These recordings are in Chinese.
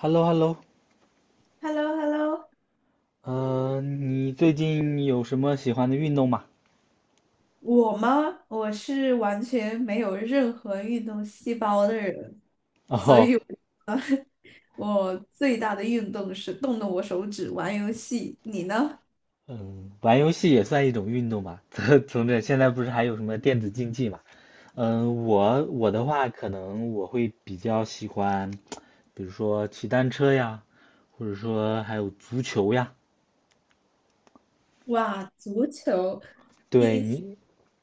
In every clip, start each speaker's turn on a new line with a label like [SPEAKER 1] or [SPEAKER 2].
[SPEAKER 1] h e l l o h e l l o
[SPEAKER 2] Hello, hello.
[SPEAKER 1] 嗯，你最近有什么喜欢的运动吗？
[SPEAKER 2] 我吗？我是完全没有任何运动细胞的人，所
[SPEAKER 1] 哦，
[SPEAKER 2] 以我 我最大的运动是动动我手指玩游戏。你呢？
[SPEAKER 1] 嗯，玩游戏也算一种运动吧。从这现在不是还有什么电子竞技嘛？嗯，我的话，可能我会比较喜欢，比如说骑单车呀，或者说还有足球呀。
[SPEAKER 2] 哇，足球第
[SPEAKER 1] 对
[SPEAKER 2] 一次
[SPEAKER 1] 你，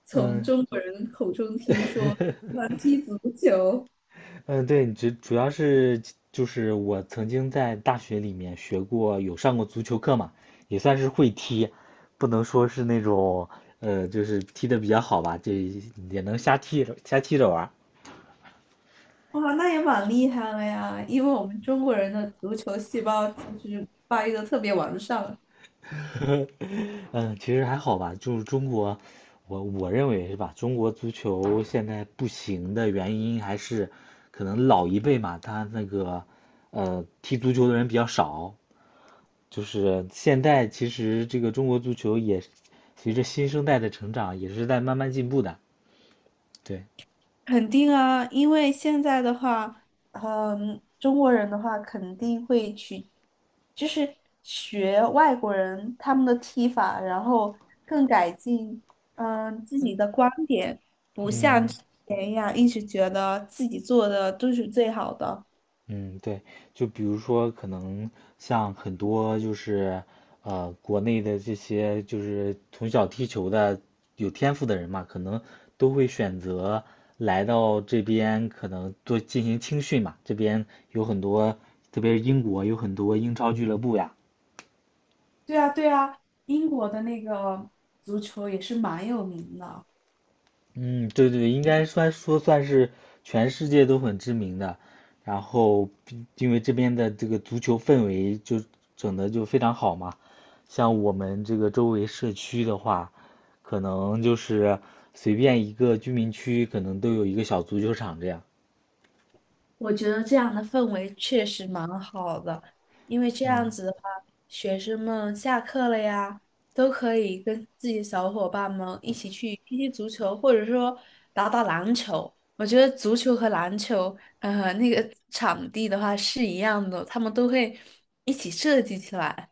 [SPEAKER 2] 从
[SPEAKER 1] 嗯，
[SPEAKER 2] 中国人口中听说喜欢踢足球，
[SPEAKER 1] 嗯，对，主要是就是我曾经在大学里面学过，有上过足球课嘛，也算是会踢，不能说是那种就是踢的比较好吧，就也能瞎踢着瞎踢着玩儿。
[SPEAKER 2] 哇，那也蛮厉害了呀！因为我们中国人的足球细胞其实发育的特别完善。
[SPEAKER 1] 嗯，其实还好吧，就是中国，我认为是吧，中国足球现在不行的原因还是可能老一辈嘛，他那个踢足球的人比较少，就是现在其实这个中国足球也随着新生代的成长，也是在慢慢进步的。对，
[SPEAKER 2] 肯定啊，因为现在的话，嗯，中国人的话肯定会去，就是学外国人他们的踢法，然后更改进，嗯，自己的观点。
[SPEAKER 1] 嗯
[SPEAKER 2] 哎呀，一直觉得自己做的都是最好的。
[SPEAKER 1] 嗯，对，就比如说可能像很多就是国内的这些就是从小踢球的有天赋的人嘛，可能都会选择来到这边，可能做进行青训嘛。这边有很多，特别是英国有很多英超俱乐部呀。
[SPEAKER 2] 对啊，对啊，英国的那个足球也是蛮有名的。
[SPEAKER 1] 嗯，对对对，应该算说算是全世界都很知名的，然后毕因为这边的这个足球氛围就整的就非常好嘛，像我们这个周围社区的话，可能就是随便一个居民区可能都有一个小足球场这样。
[SPEAKER 2] 我觉得这样的氛围确实蛮好的，因为这样
[SPEAKER 1] 嗯
[SPEAKER 2] 子的话，学生们下课了呀，都可以跟自己的小伙伴们一起去踢踢足球，或者说打打篮球。我觉得足球和篮球，那个场地的话是一样的，他们都会一起设计起来。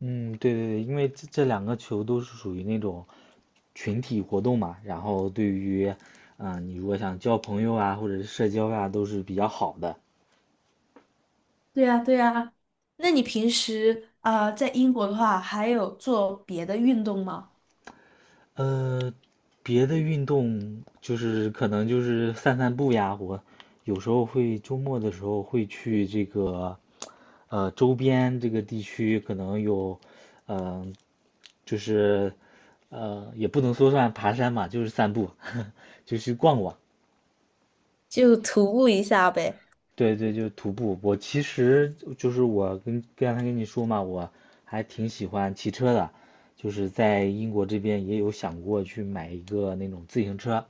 [SPEAKER 1] 嗯，对对对，因为这两个球都是属于那种群体活动嘛，然后对于，嗯、你如果想交朋友啊，或者是社交啊，都是比较好的。
[SPEAKER 2] 对呀，对呀。那你平时啊，在英国的话，还有做别的运动吗？
[SPEAKER 1] 呃，别的运动就是可能就是散散步呀，我有时候会周末的时候会去这个周边这个地区，可能有嗯、呃就是也不能说算爬山嘛，就是散步，就去逛逛。
[SPEAKER 2] 就徒步一下呗。
[SPEAKER 1] 对对，就是徒步。我其实就是我跟刚才跟你说嘛，我还挺喜欢骑车的，就是在英国这边也有想过去买一个那种自行车。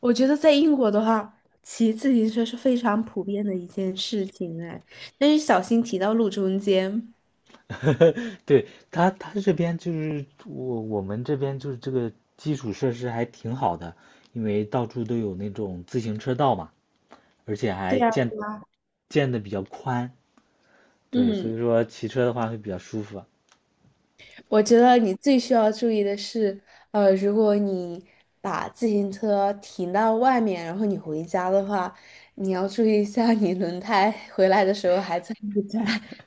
[SPEAKER 2] 我觉得在英国的话，骑自行车是非常普遍的一件事情哎，但是小心骑到路中间。
[SPEAKER 1] 对，他这边就是我们这边就是这个基础设施还挺好的，因为到处都有那种自行车道嘛，而且
[SPEAKER 2] 对
[SPEAKER 1] 还
[SPEAKER 2] 呀，
[SPEAKER 1] 建建的比较宽，对，所
[SPEAKER 2] 嗯，
[SPEAKER 1] 以说骑车的话会比较舒服。
[SPEAKER 2] 我觉得你最需要注意的是，如果你把自行车停到外面，然后你回家的话，你要注意一下你轮胎 回来的时候还在不在。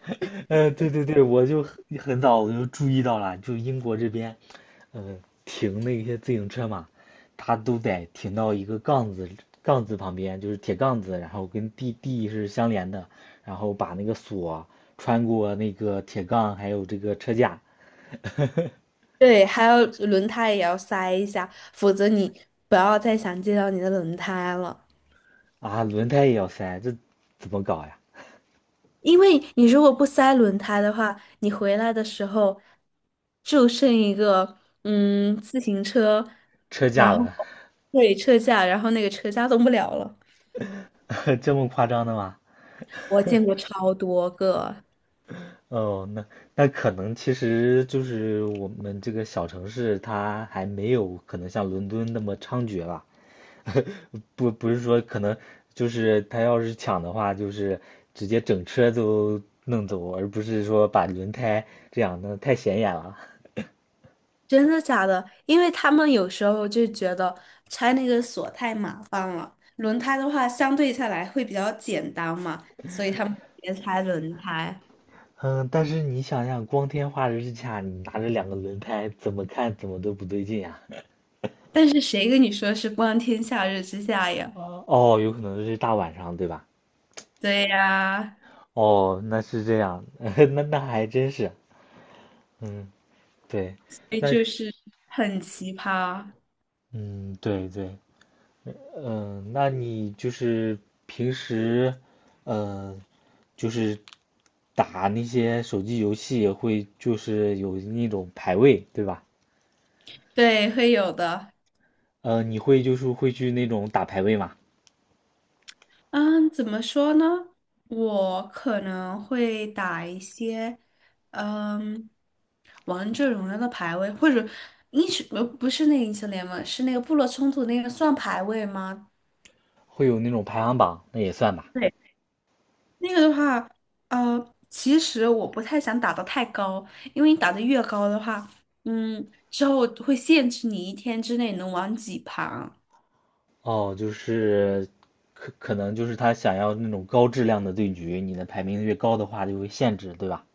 [SPEAKER 1] 对对对，我就很早我就注意到了，就英国这边，呃，停那些自行车嘛，它都得停到一个杠子旁边，就是铁杠子，然后跟地是相连的，然后把那个锁穿过那个铁杠，还有这个车架。
[SPEAKER 2] 对，还有轮胎也要塞一下，否则你不要再想见到你的轮胎了。
[SPEAKER 1] 啊，轮胎也要塞，这怎么搞呀？
[SPEAKER 2] 因为你如果不塞轮胎的话，你回来的时候就剩一个自行车，
[SPEAKER 1] 车架
[SPEAKER 2] 然后
[SPEAKER 1] 了。
[SPEAKER 2] 对车架，然后那个车架动不了了。
[SPEAKER 1] 这么夸张的吗？
[SPEAKER 2] 我见过超多个，
[SPEAKER 1] 哦，那可能其实就是我们这个小城市，它还没有可能像伦敦那么猖獗吧？不，不是说可能就是他要是抢的话，就是直接整车都弄走，而不是说把轮胎这样，那太显眼了。
[SPEAKER 2] 真的假的？因为他们有时候就觉得拆那个锁太麻烦了，轮胎的话相对下来会比较简单嘛，所以他们别拆轮胎。
[SPEAKER 1] 嗯，但是你想想，光天化日之下，你拿着两个轮胎，怎么看怎么都不对劲呀、
[SPEAKER 2] 但是谁跟你说是光天化日之下呀？
[SPEAKER 1] 哦，有可能是大晚上，对吧？
[SPEAKER 2] 对呀、
[SPEAKER 1] 哦，那是这样，那还真是，嗯，对。
[SPEAKER 2] 哎，
[SPEAKER 1] 那
[SPEAKER 2] 就是很奇葩，
[SPEAKER 1] 嗯，对对，嗯，那你就是平时，嗯，就是打那些手机游戏也会就是有那种排位，对吧？
[SPEAKER 2] 对，会有的。
[SPEAKER 1] 你会就是会去那种打排位嘛？
[SPEAKER 2] 嗯，怎么说呢？我可能会打一些，嗯，王者荣耀的排位，或者英雄，不是那个英雄联盟，是那个部落冲突那个算排位吗？
[SPEAKER 1] 会有那种排行榜，那也算吧。
[SPEAKER 2] 对，那个的话，其实我不太想打的太高，因为你打的越高的话，嗯，之后会限制你一天之内能玩几盘。
[SPEAKER 1] 哦，就是可能就是他想要那种高质量的对局，你的排名越高的话就会限制，对吧？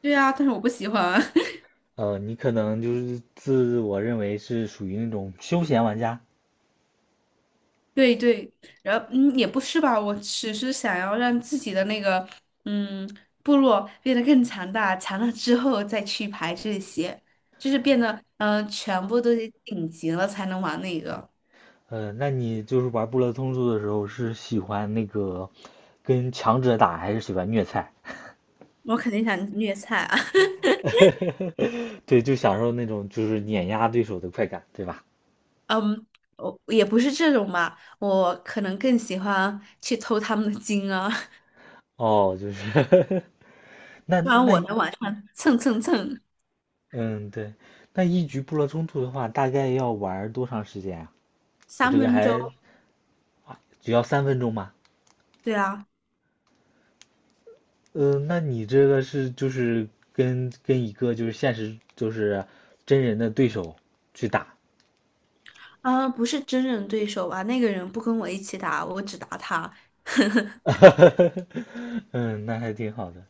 [SPEAKER 2] 对啊，但是我不喜欢。
[SPEAKER 1] 你可能就是自我认为是属于那种休闲玩家。
[SPEAKER 2] 对对，然后嗯，也不是吧，我只是想要让自己的那个嗯部落变得更强大，强大之后再去排这些，就是变得全部都得顶级了才能玩那个。
[SPEAKER 1] 那你就是玩《部落冲突的时候，是喜欢那个跟强者打，还是喜欢虐菜？
[SPEAKER 2] 我肯定想虐菜啊，
[SPEAKER 1] 对，就享受那种就是碾压对手的快感，对吧？
[SPEAKER 2] 嗯，我也不是这种吧，我可能更喜欢去偷他们的金啊，
[SPEAKER 1] 哦，就是 那
[SPEAKER 2] 不然
[SPEAKER 1] 那
[SPEAKER 2] 我能晚上蹭蹭蹭
[SPEAKER 1] 嗯，对，那一局部落冲突的话，大概要玩多长时间啊？我
[SPEAKER 2] 三
[SPEAKER 1] 这个
[SPEAKER 2] 分钟，
[SPEAKER 1] 还只要三分钟吗？
[SPEAKER 2] 对啊。
[SPEAKER 1] 嗯，那你这个是就是跟一个就是现实就是真人的对手去打。
[SPEAKER 2] 啊，不是真人对手吧？那个人不跟我一起打，我只打他。
[SPEAKER 1] 嗯，那还挺好的。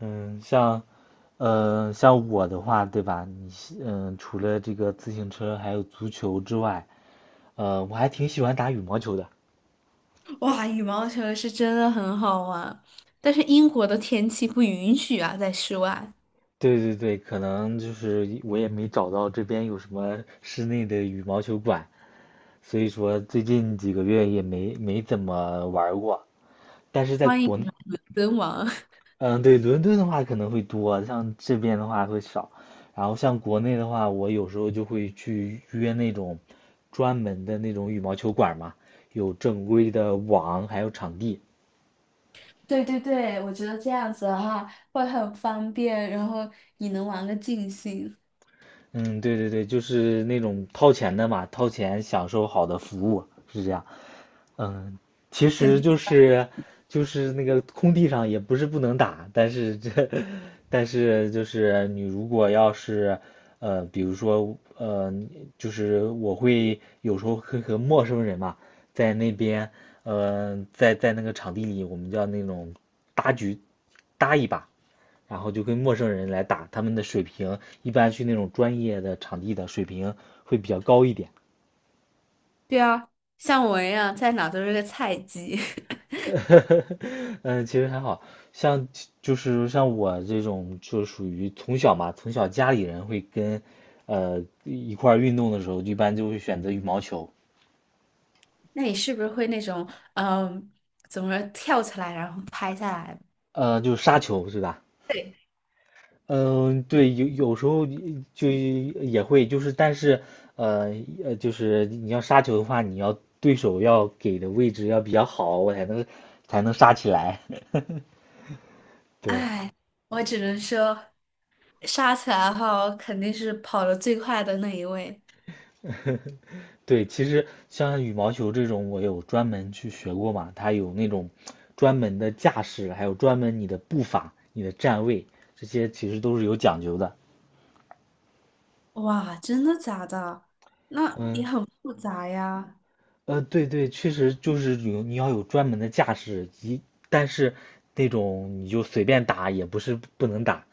[SPEAKER 1] 嗯，像，像我的话，对吧？你是嗯，除了这个自行车还有足球之外，我还挺喜欢打羽毛球的。
[SPEAKER 2] 哇，羽毛球是真的很好玩，但是英国的天气不允许啊，在室外。
[SPEAKER 1] 对对对，可能就是我也没找到这边有什么室内的羽毛球馆，所以说最近几个月也没怎么玩儿过。但是在
[SPEAKER 2] 欢迎
[SPEAKER 1] 国
[SPEAKER 2] 你们伦敦王。
[SPEAKER 1] 嗯，对，伦敦的话可能会多，像这边的话会少。然后像国内的话，我有时候就会去约那种专门的那种羽毛球馆嘛，有正规的网，还有场地。
[SPEAKER 2] 对对对，我觉得这样子的话会很方便，然后你能玩个尽兴，
[SPEAKER 1] 嗯，对对对，就是那种掏钱的嘛，掏钱享受好的服务，是这样。嗯，其
[SPEAKER 2] 肯
[SPEAKER 1] 实
[SPEAKER 2] 定。
[SPEAKER 1] 就是就是那个空地上也不是不能打，但是这 但是就是你如果要是比如说就是我会有时候会和陌生人嘛，在那边在那个场地里，我们叫那种搭局搭一把，然后就跟陌生人来打，他们的水平一般去那种专业的场地的水平会比较高一点。
[SPEAKER 2] 对啊，像我一样，在哪都是个菜鸡。
[SPEAKER 1] 嗯，其实还好，像就是像我这种，就属于从小嘛，从小家里人会跟，一块儿运动的时候，一般就会选择羽毛球，
[SPEAKER 2] 那你是不是会那种，嗯，怎么说跳起来然后拍下来？
[SPEAKER 1] 就是杀球是吧？
[SPEAKER 2] 对，
[SPEAKER 1] 嗯，对，有有时候就也会，就是但是，呃就是你要杀球的话，你要对手要给的位置要比较好，我才能杀起来。对，
[SPEAKER 2] 哎，我只能说，杀起来的后肯定是跑得最快的那一位。
[SPEAKER 1] 对，其实像羽毛球这种，我有专门去学过嘛，它有那种专门的架势，还有专门你的步伐、你的站位，这些其实都是有讲究的。
[SPEAKER 2] 哇，真的假的？那也
[SPEAKER 1] 嗯，
[SPEAKER 2] 很复杂呀。
[SPEAKER 1] 对对，确实就是有你要有专门的架势，一但是那种你就随便打也不是不能打，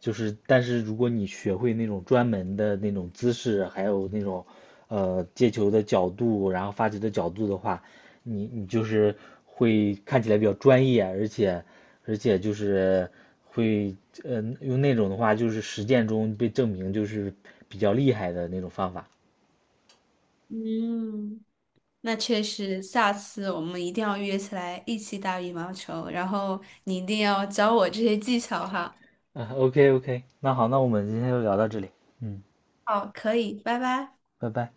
[SPEAKER 1] 就是但是如果你学会那种专门的那种姿势，还有那种接球的角度，然后发球的角度的话，你就是会看起来比较专业，而且而且就是会呃用那种的话，就是实践中被证明就是比较厉害的那种方法。
[SPEAKER 2] 嗯，那确实，下次我们一定要约起来一起打羽毛球，然后你一定要教我这些技巧哈。
[SPEAKER 1] 啊，OK OK，那好，那我们今天就聊到这里，嗯，
[SPEAKER 2] 好，可以，拜拜。
[SPEAKER 1] 拜拜。